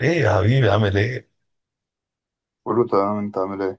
ايه يا حبيبي عامل ايه؟ كله تمام. انت عامل ايه؟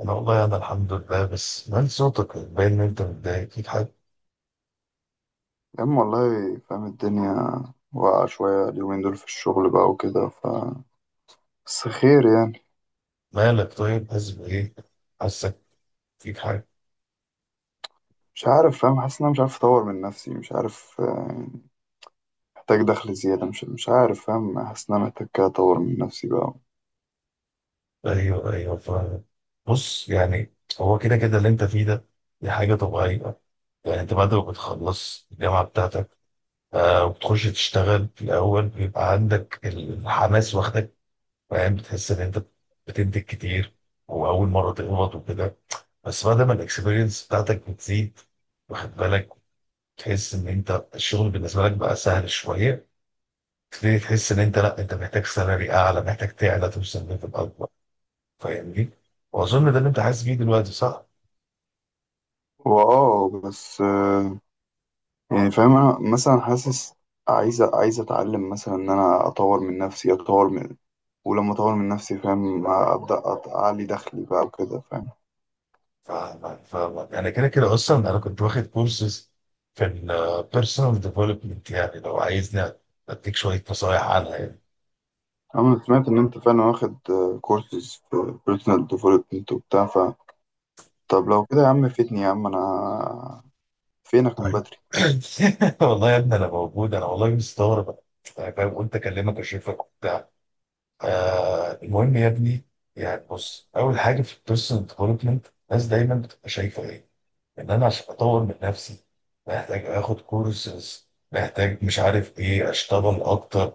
انا والله الحمد لله، بس من صوتك باين ان انت متضايق، فيك حاجة. يا عم والله فاهم الدنيا واقعة شوية اليومين دول في الشغل بقى وكده بس خير يعني. مالك طيب؟ حاسس بايه؟ حاسك فيك حاجة. مش عارف، فاهم، حاسس ان انا مش عارف اطور من نفسي، مش عارف، محتاج دخل زيادة، مش عارف، فاهم، حاسس ان انا محتاج كده اطور من نفسي بقى. ايوه فاهم. بص يعني، هو كده كده اللي انت فيه ده، دي حاجة طبيعية. يعني انت بعد ما بتخلص الجامعة بتاعتك، وبتخش تشتغل في الأول، بيبقى عندك الحماس واخدك، فاهم، بتحس إن أنت بتنتج كتير، وأول مرة تقبض وكده. بس بعد ما الإكسبيرينس بتاعتك بتزيد، واخد بالك، تحس ان انت الشغل بالنسبه لك بقى سهل شويه، تبتدي تحس ان انت لا، انت محتاج سالري اعلى، محتاج تعلى، توصل ليفل اكبر. فاهمني؟ واظن ده اللي انت حاسس بيه دلوقتي، صح؟ هو اه بس يعني فاهم، انا مثلا حاسس عايز اتعلم مثلا ان انا اطور من نفسي، اطور من، ولما اطور من نفسي فاهم ابدا اعلي دخلي بقى وكده فاهم. ف... ف... انا كده كده اصلا انا كنت واخد كورسز في البيرسونال ديفلوبمنت، يعني لو عايزني اديك شويه نصايح عنها يعني. أنا سمعت إن أنت فعلا واخد كورسز في بيرسونال ديفلوبمنت وبتاع طب لو كده يا عم فيتني يا عم، أنا فينك من طيب، بدري. والله يا ابني انا موجود، انا والله مستغرب. أنا فاهم، قلت اكلمك اشوفك وبتاع. المهم يا ابني، يعني بص، اول حاجه في البيرسونال ديفلوبمنت الناس دايما بتبقى شايفه ايه؟ ان انا عشان اطور من نفسي محتاج اخد كورسز، محتاج مش عارف ايه، اشتغل اكتر.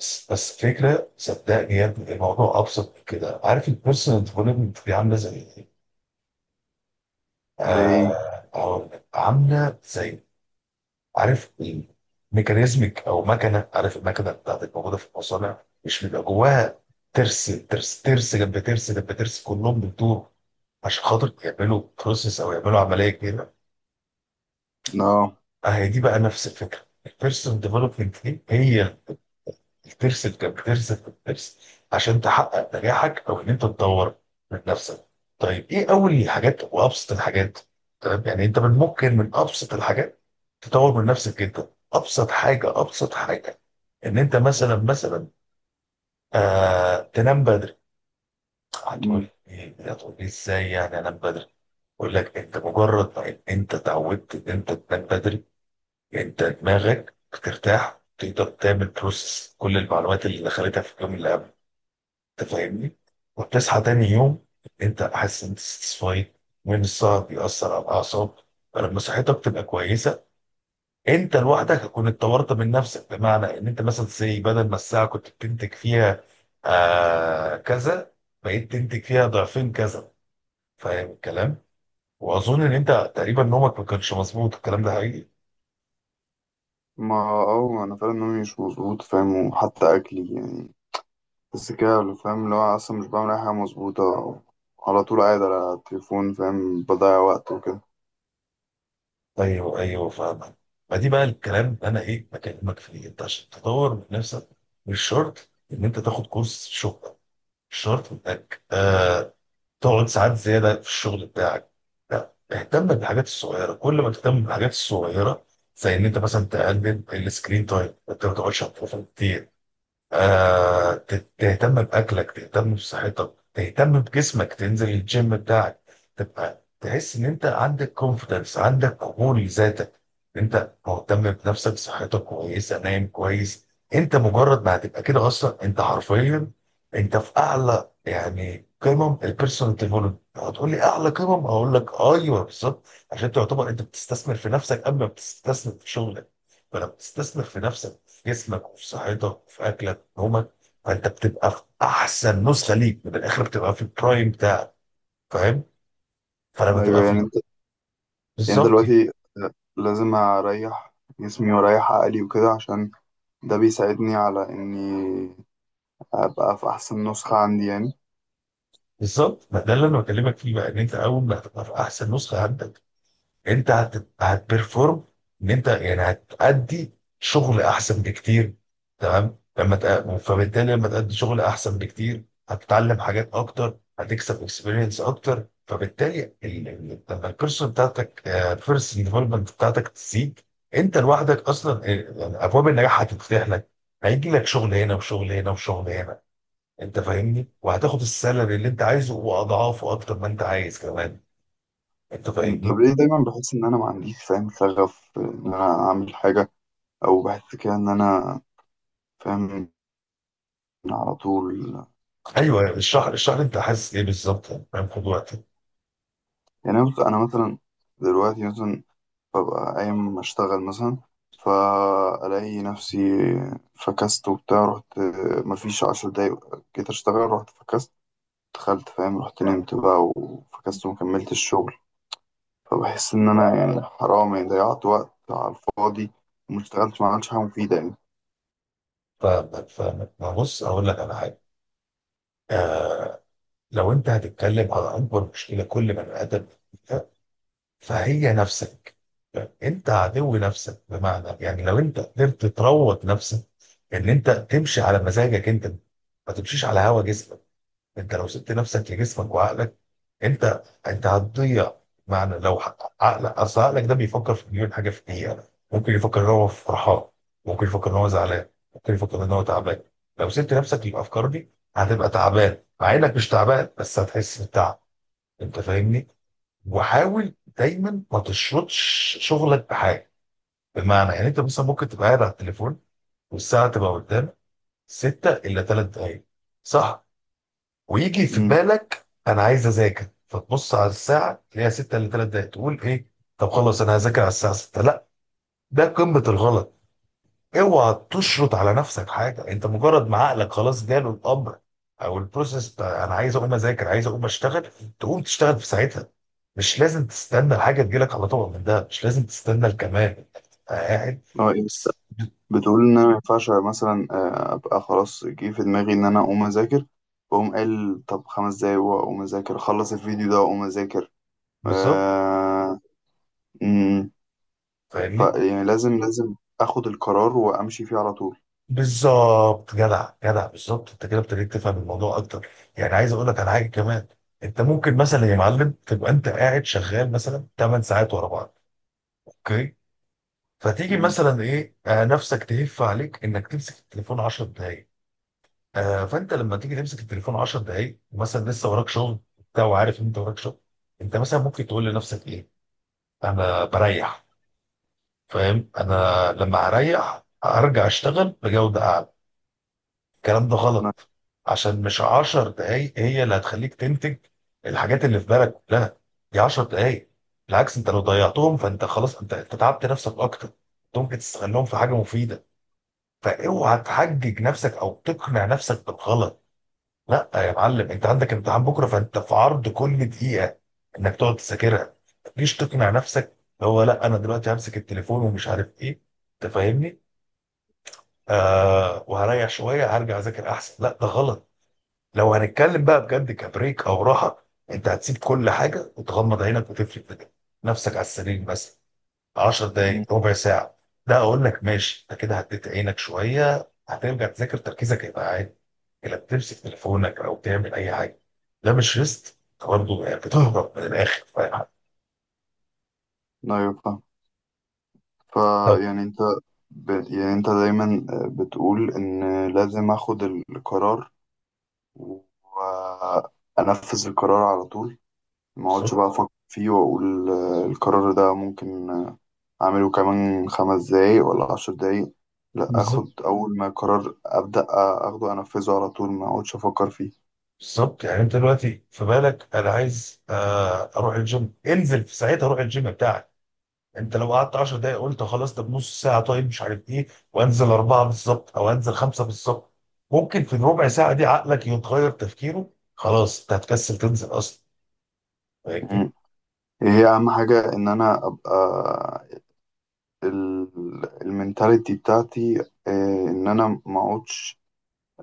بس فكره، صدقني يا ابني الموضوع ابسط من كده. عارف البيرسونال ديفلوبمنت دي عامله زي ايه؟ زي إيه؟ آه، هقول لك. عامله زي، عارف، ميكانيزمك او مكنه. عارف المكنه بتاعتك موجوده في المصانع، مش بيبقى جواها ترس جنب ترس جنب ترس، كلهم بيدور عشان خاطر يعملوا بروسيس او يعملوا عمليه كبيره. آه. اه، هي دي بقى نفس الفكره. البيرسونال ديفلوبمنت دي هي بترسم عشان تحقق نجاحك او ان انت تطور من نفسك. طيب ايه اول حاجات وابسط الحاجات؟ تمام، يعني انت من ممكن من ابسط الحاجات تطور من نفسك جدا. ابسط حاجه، ابسط حاجه ان انت مثلا تنام بدري. هتقول أمم. ايه؟ هتقول لي ازاي يعني انام بدري؟ اقول لك، انت مجرد ما ان انت اتعودت ان انت تنام بدري، انت دماغك بترتاح، تقدر تعمل بروسس كل المعلومات اللي دخلتها في اليوم اللي قبل. انت فاهمني؟ وبتصحى تاني يوم انت حاسس انت ساتسفايد. وان السهر بيأثر على الاعصاب، فلما صحتك تبقى كويسه، انت لوحدك هتكون اتطورت من نفسك. بمعنى ان انت مثلا زي، بدل ما الساعه كنت بتنتج فيها كذا، بقيت تنتج فيها ضعفين كذا. فاهم الكلام؟ واظن ان انت تقريبا نومك ما كانش مظبوط، الكلام ده حقيقي. ما أنا فعلا نومي مش مظبوط فاهم، وحتى أكلي يعني، بس كده اللي فاهم اللي هو أصلا مش بعمل أي حاجة مظبوطة. على طول قاعد على التليفون، فاهم، بضيع وقت وكده. ايوه فاهمك. ما دي بقى الكلام اللي انا بكلمك فيه، انت عشان تطور من نفسك مش شرط ان انت تاخد كورس شغل، مش شرط انك تقعد ساعات زياده في الشغل بتاعك، لا، اهتم بالحاجات الصغيره. كل ما تهتم بالحاجات الصغيره، زي ان انت مثلا تقلل السكرين تايم، انت ما تقعدش على التليفون كتير، تهتم بأكلك، تهتم بصحتك، تهتم بجسمك، تنزل الجيم بتاعك، تبقى تحس إن أنت عندك كونفيدنس، عندك قبول لذاتك، أنت مهتم بنفسك، صحتك كويسة، نايم كويس. أنت مجرد ما هتبقى كده، أصلا أنت حرفيا أنت في أعلى يعني قمم البيرسونال ديفلوبمنت. هتقول لي أعلى قمم؟ أقول لك أيوه بالظبط. عشان تعتبر أنت بتستثمر في نفسك قبل ما بتستثمر في شغلك. فلما بتستثمر في نفسك، جسمك وفي صحتك وفي اكلك وفي نومك، فانت بتبقى في احسن نسخه ليك من الاخر، بتبقى في البرايم بتاعك، فاهم؟ فلما تبقى أيوة، في، يعني أنت، يعني أنت بالظبط. دلوقتي لازم أريح جسمي وأريح عقلي وكده، عشان ده بيساعدني على إني ابقى في احسن نسخة عندي يعني. بالظبط، ما ده اللي انا بكلمك فيه بقى، ان انت اول ما هتبقى في احسن نسخه عندك، انت هتبرفورم، ان انت يعني هتأدي شغل احسن بكتير. تمام؟ فبالتالي لما تأدي شغل احسن بكتير، هتتعلم حاجات اكتر، هتكسب اكسبيرينس اكتر، فبالتالي لما البيرسون ديفلوبمنت بتاعتك تزيد، انت لوحدك اصلا، يعني ابواب النجاح هتتفتح لك. هيجي لك شغل هنا وشغل هنا وشغل هنا. انت فاهمني، وهتاخد السالري اللي انت عايزه واضعافه اكتر ما انت عايز كمان. انت فاهمني؟ طب ليه دايما بحس ان انا ما عنديش فاهم شغف ان انا اعمل حاجة، او بحس كده ان انا فاهم على طول ايوه اشرح اشرح لي انت حاسس ايه بالظبط، يعني فاهم، خد وقتك. يعني. أنا مثلا دلوقتي مثلا ببقى قايم اشتغل مثلا، فالاقي نفسي فكست وبتاع، رحت. مفيش عشر دقايق جيت اشتغل رحت فكست. دخلت، فاهم، رحت نمت بقى وفكست ومكملت الشغل. فبحس ان انا يعني حرام، يعني ضيعت وقت على الفاضي وما اشتغلتش، ما عملتش حاجة مفيدة يعني. فاهمك فاهمك. ما بص، اقول لك على حاجه. آه، لو انت هتتكلم على اكبر مشكله كل بني ادم فيها، فهي نفسك. انت عدو نفسك. بمعنى يعني لو انت قدرت تروض نفسك ان انت تمشي على مزاجك انت، ما تمشيش على هوا جسمك. انت لو سبت نفسك لجسمك وعقلك، انت هتضيع. معنى، عقلك، اصل عقلك ده بيفكر في مليون حاجه في الدقيقه. ممكن يفكر ان هو فرحان، ممكن يفكر ان هو زعلان، ممكن يفكر ان هو تعبان. لو سبت نفسك للافكار دي، هتبقى تعبان مع انك مش تعبان، بس هتحس بالتعب. انت فاهمني؟ وحاول دايما ما تشرطش شغلك بحاجه. بمعنى يعني انت مثلا ممكن تبقى قاعد على التليفون والساعه تبقى قدامك 6 الا 3 دقائق، صح؟ ويجي في امم. بالك انا عايز اذاكر، فتبص على الساعه تلاقيها 6 الا 3 دقايق، تقول ايه؟ طب خلاص انا هذاكر على الساعه 6، لا، ده قمه الغلط. اوعى تشرط على نفسك حاجه. انت مجرد ما عقلك خلاص جاله الامر او البروسيس بتاع انا عايز اقوم اذاكر، عايز اقوم اشتغل، تقوم تشتغل في ساعتها. مش لازم تستنى الحاجه تجيلك على طبق من ده، مش لازم تستنى الكمال. أنت قاعد هو ايه، بس- بتقول ان انا ما ينفعش مثلا ابقى خلاص جه في دماغي ان انا اقوم اذاكر، واقوم قال طب خمس دقايق واقوم اذاكر اخلص الفيديو ده واقوم اذاكر؟ بالظبط، آه. امم. فاهمني. يعني لازم اخد القرار وامشي فيه على طول. بالظبط، جدع جدع، بالظبط، انت كده ابتديت تفهم الموضوع اكتر. يعني عايز اقول لك على حاجه كمان. انت ممكن مثلا يا معلم تبقى انت قاعد شغال مثلا 8 ساعات ورا بعض، اوكي؟ فتيجي امم. مثلا ايه آه نفسك تهف عليك انك تمسك التليفون 10 دقائق. فانت لما تيجي تمسك التليفون 10 دقائق، مثلا لسه وراك شغل بتاع وعارف ان انت وراك شغل. انت مثلا ممكن تقول لنفسك ايه؟ انا بريح، فاهم، انا لما اريح ارجع اشتغل بجوده اعلى. الكلام ده لا. غلط. عشان مش عشر دقايق هي اللي هتخليك تنتج الحاجات اللي في بالك كلها، دي عشر دقايق. بالعكس، انت لو ضيعتهم فانت خلاص، انت تعبت نفسك اكتر. انت ممكن تستغلهم في حاجه مفيده. فاوعى تحجج نفسك او تقنع نفسك بالغلط. لا يا معلم، انت عندك امتحان بكره، فانت في عرض كل دقيقه انك تقعد تذاكرها، مش تقنع نفسك اللي هو لا، انا دلوقتي همسك التليفون ومش عارف ايه. انت فاهمني؟ وهريح شويه هرجع اذاكر احسن، لا ده غلط. لو هنتكلم بقى بجد كبريك او راحه، انت هتسيب كل حاجه وتغمض عينك وتفرد كده نفسك على السرير، بس. 10 مم. دقائق، ربع ساعه، ده اقول لك ماشي. انت كده هديت عينك شويه، هترجع تذاكر تركيزك هيبقى عادي. لا، بتمسك تليفونك او تعمل اي حاجه، ده مش ريست، انت برضه يعني بتهرب من الاخر، فاهم؟ لا يفهم. ف لو يعني انت يعني انت دايما بتقول ان لازم اخد القرار وانفذ القرار على طول، ما اقعدش بالظبط. بقى افكر فيه واقول القرار ده ممكن اعمله كمان خمس دقايق ولا عشر دقايق. لا، بالظبط، اخد اول ما قرار ابدا اخده انفذه على طول، ما اقعدش افكر فيه. بالظبط، يعني انت دلوقتي في بالك انا عايز اروح الجيم، انزل في ساعتها، روح الجيم بتاعك. انت لو قعدت 10 دقايق قلت خلاص طب نص ساعه، طيب مش عارف ايه، وانزل اربعه بالظبط او انزل خمسه بالظبط، ممكن في الربع ساعه دي عقلك يتغير تفكيره، خلاص انت هتكسل تنزل اصلا. فاهمني؟ مم. هي اهم حاجه ان انا ابقى المينتاليتي بتاعتي ان انا ما اقعدش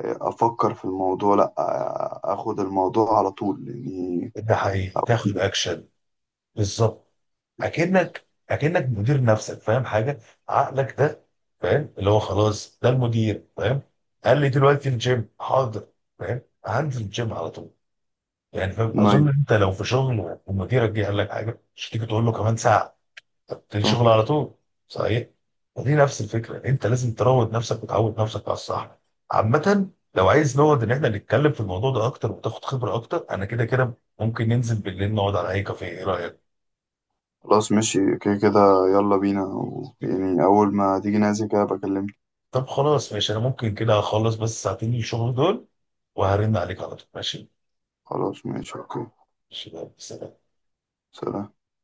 افكر في الموضوع، لا اخد الموضوع على طول يعني. ده حقيقي، تاخد اكشن. بالظبط. اكنك مدير نفسك، فاهم حاجه؟ عقلك ده، فاهم؟ اللي هو خلاص ده المدير، فاهم؟ قال لي دلوقتي الجيم، حاضر، فاهم؟ هنزل الجيم على طول. يعني فاهم، اظن نايس. انت لو في شغل ومديرك جه قال لك حاجه، مش تيجي تقول له كمان ساعه، تلاقي صح. شغل على طول. صحيح. فدي نفس الفكره، انت لازم تروض نفسك وتعود نفسك على الصح. عامه، لو عايز نقعد ان احنا نتكلم في الموضوع ده اكتر وتاخد خبره اكتر، انا كده كده ممكن ننزل بالليل نقعد على اي كافيه، ايه رايك؟ خلاص ماشي كده كده، يلا بينا يعني اول ما تيجي نازل كده بكلمك. طب خلاص ماشي، انا ممكن كده اخلص بس ساعتين الشغل دول وهرن عليك على طول، ماشي. خلاص ماشي اوكي. ماشي، يلا، سلام. سلام.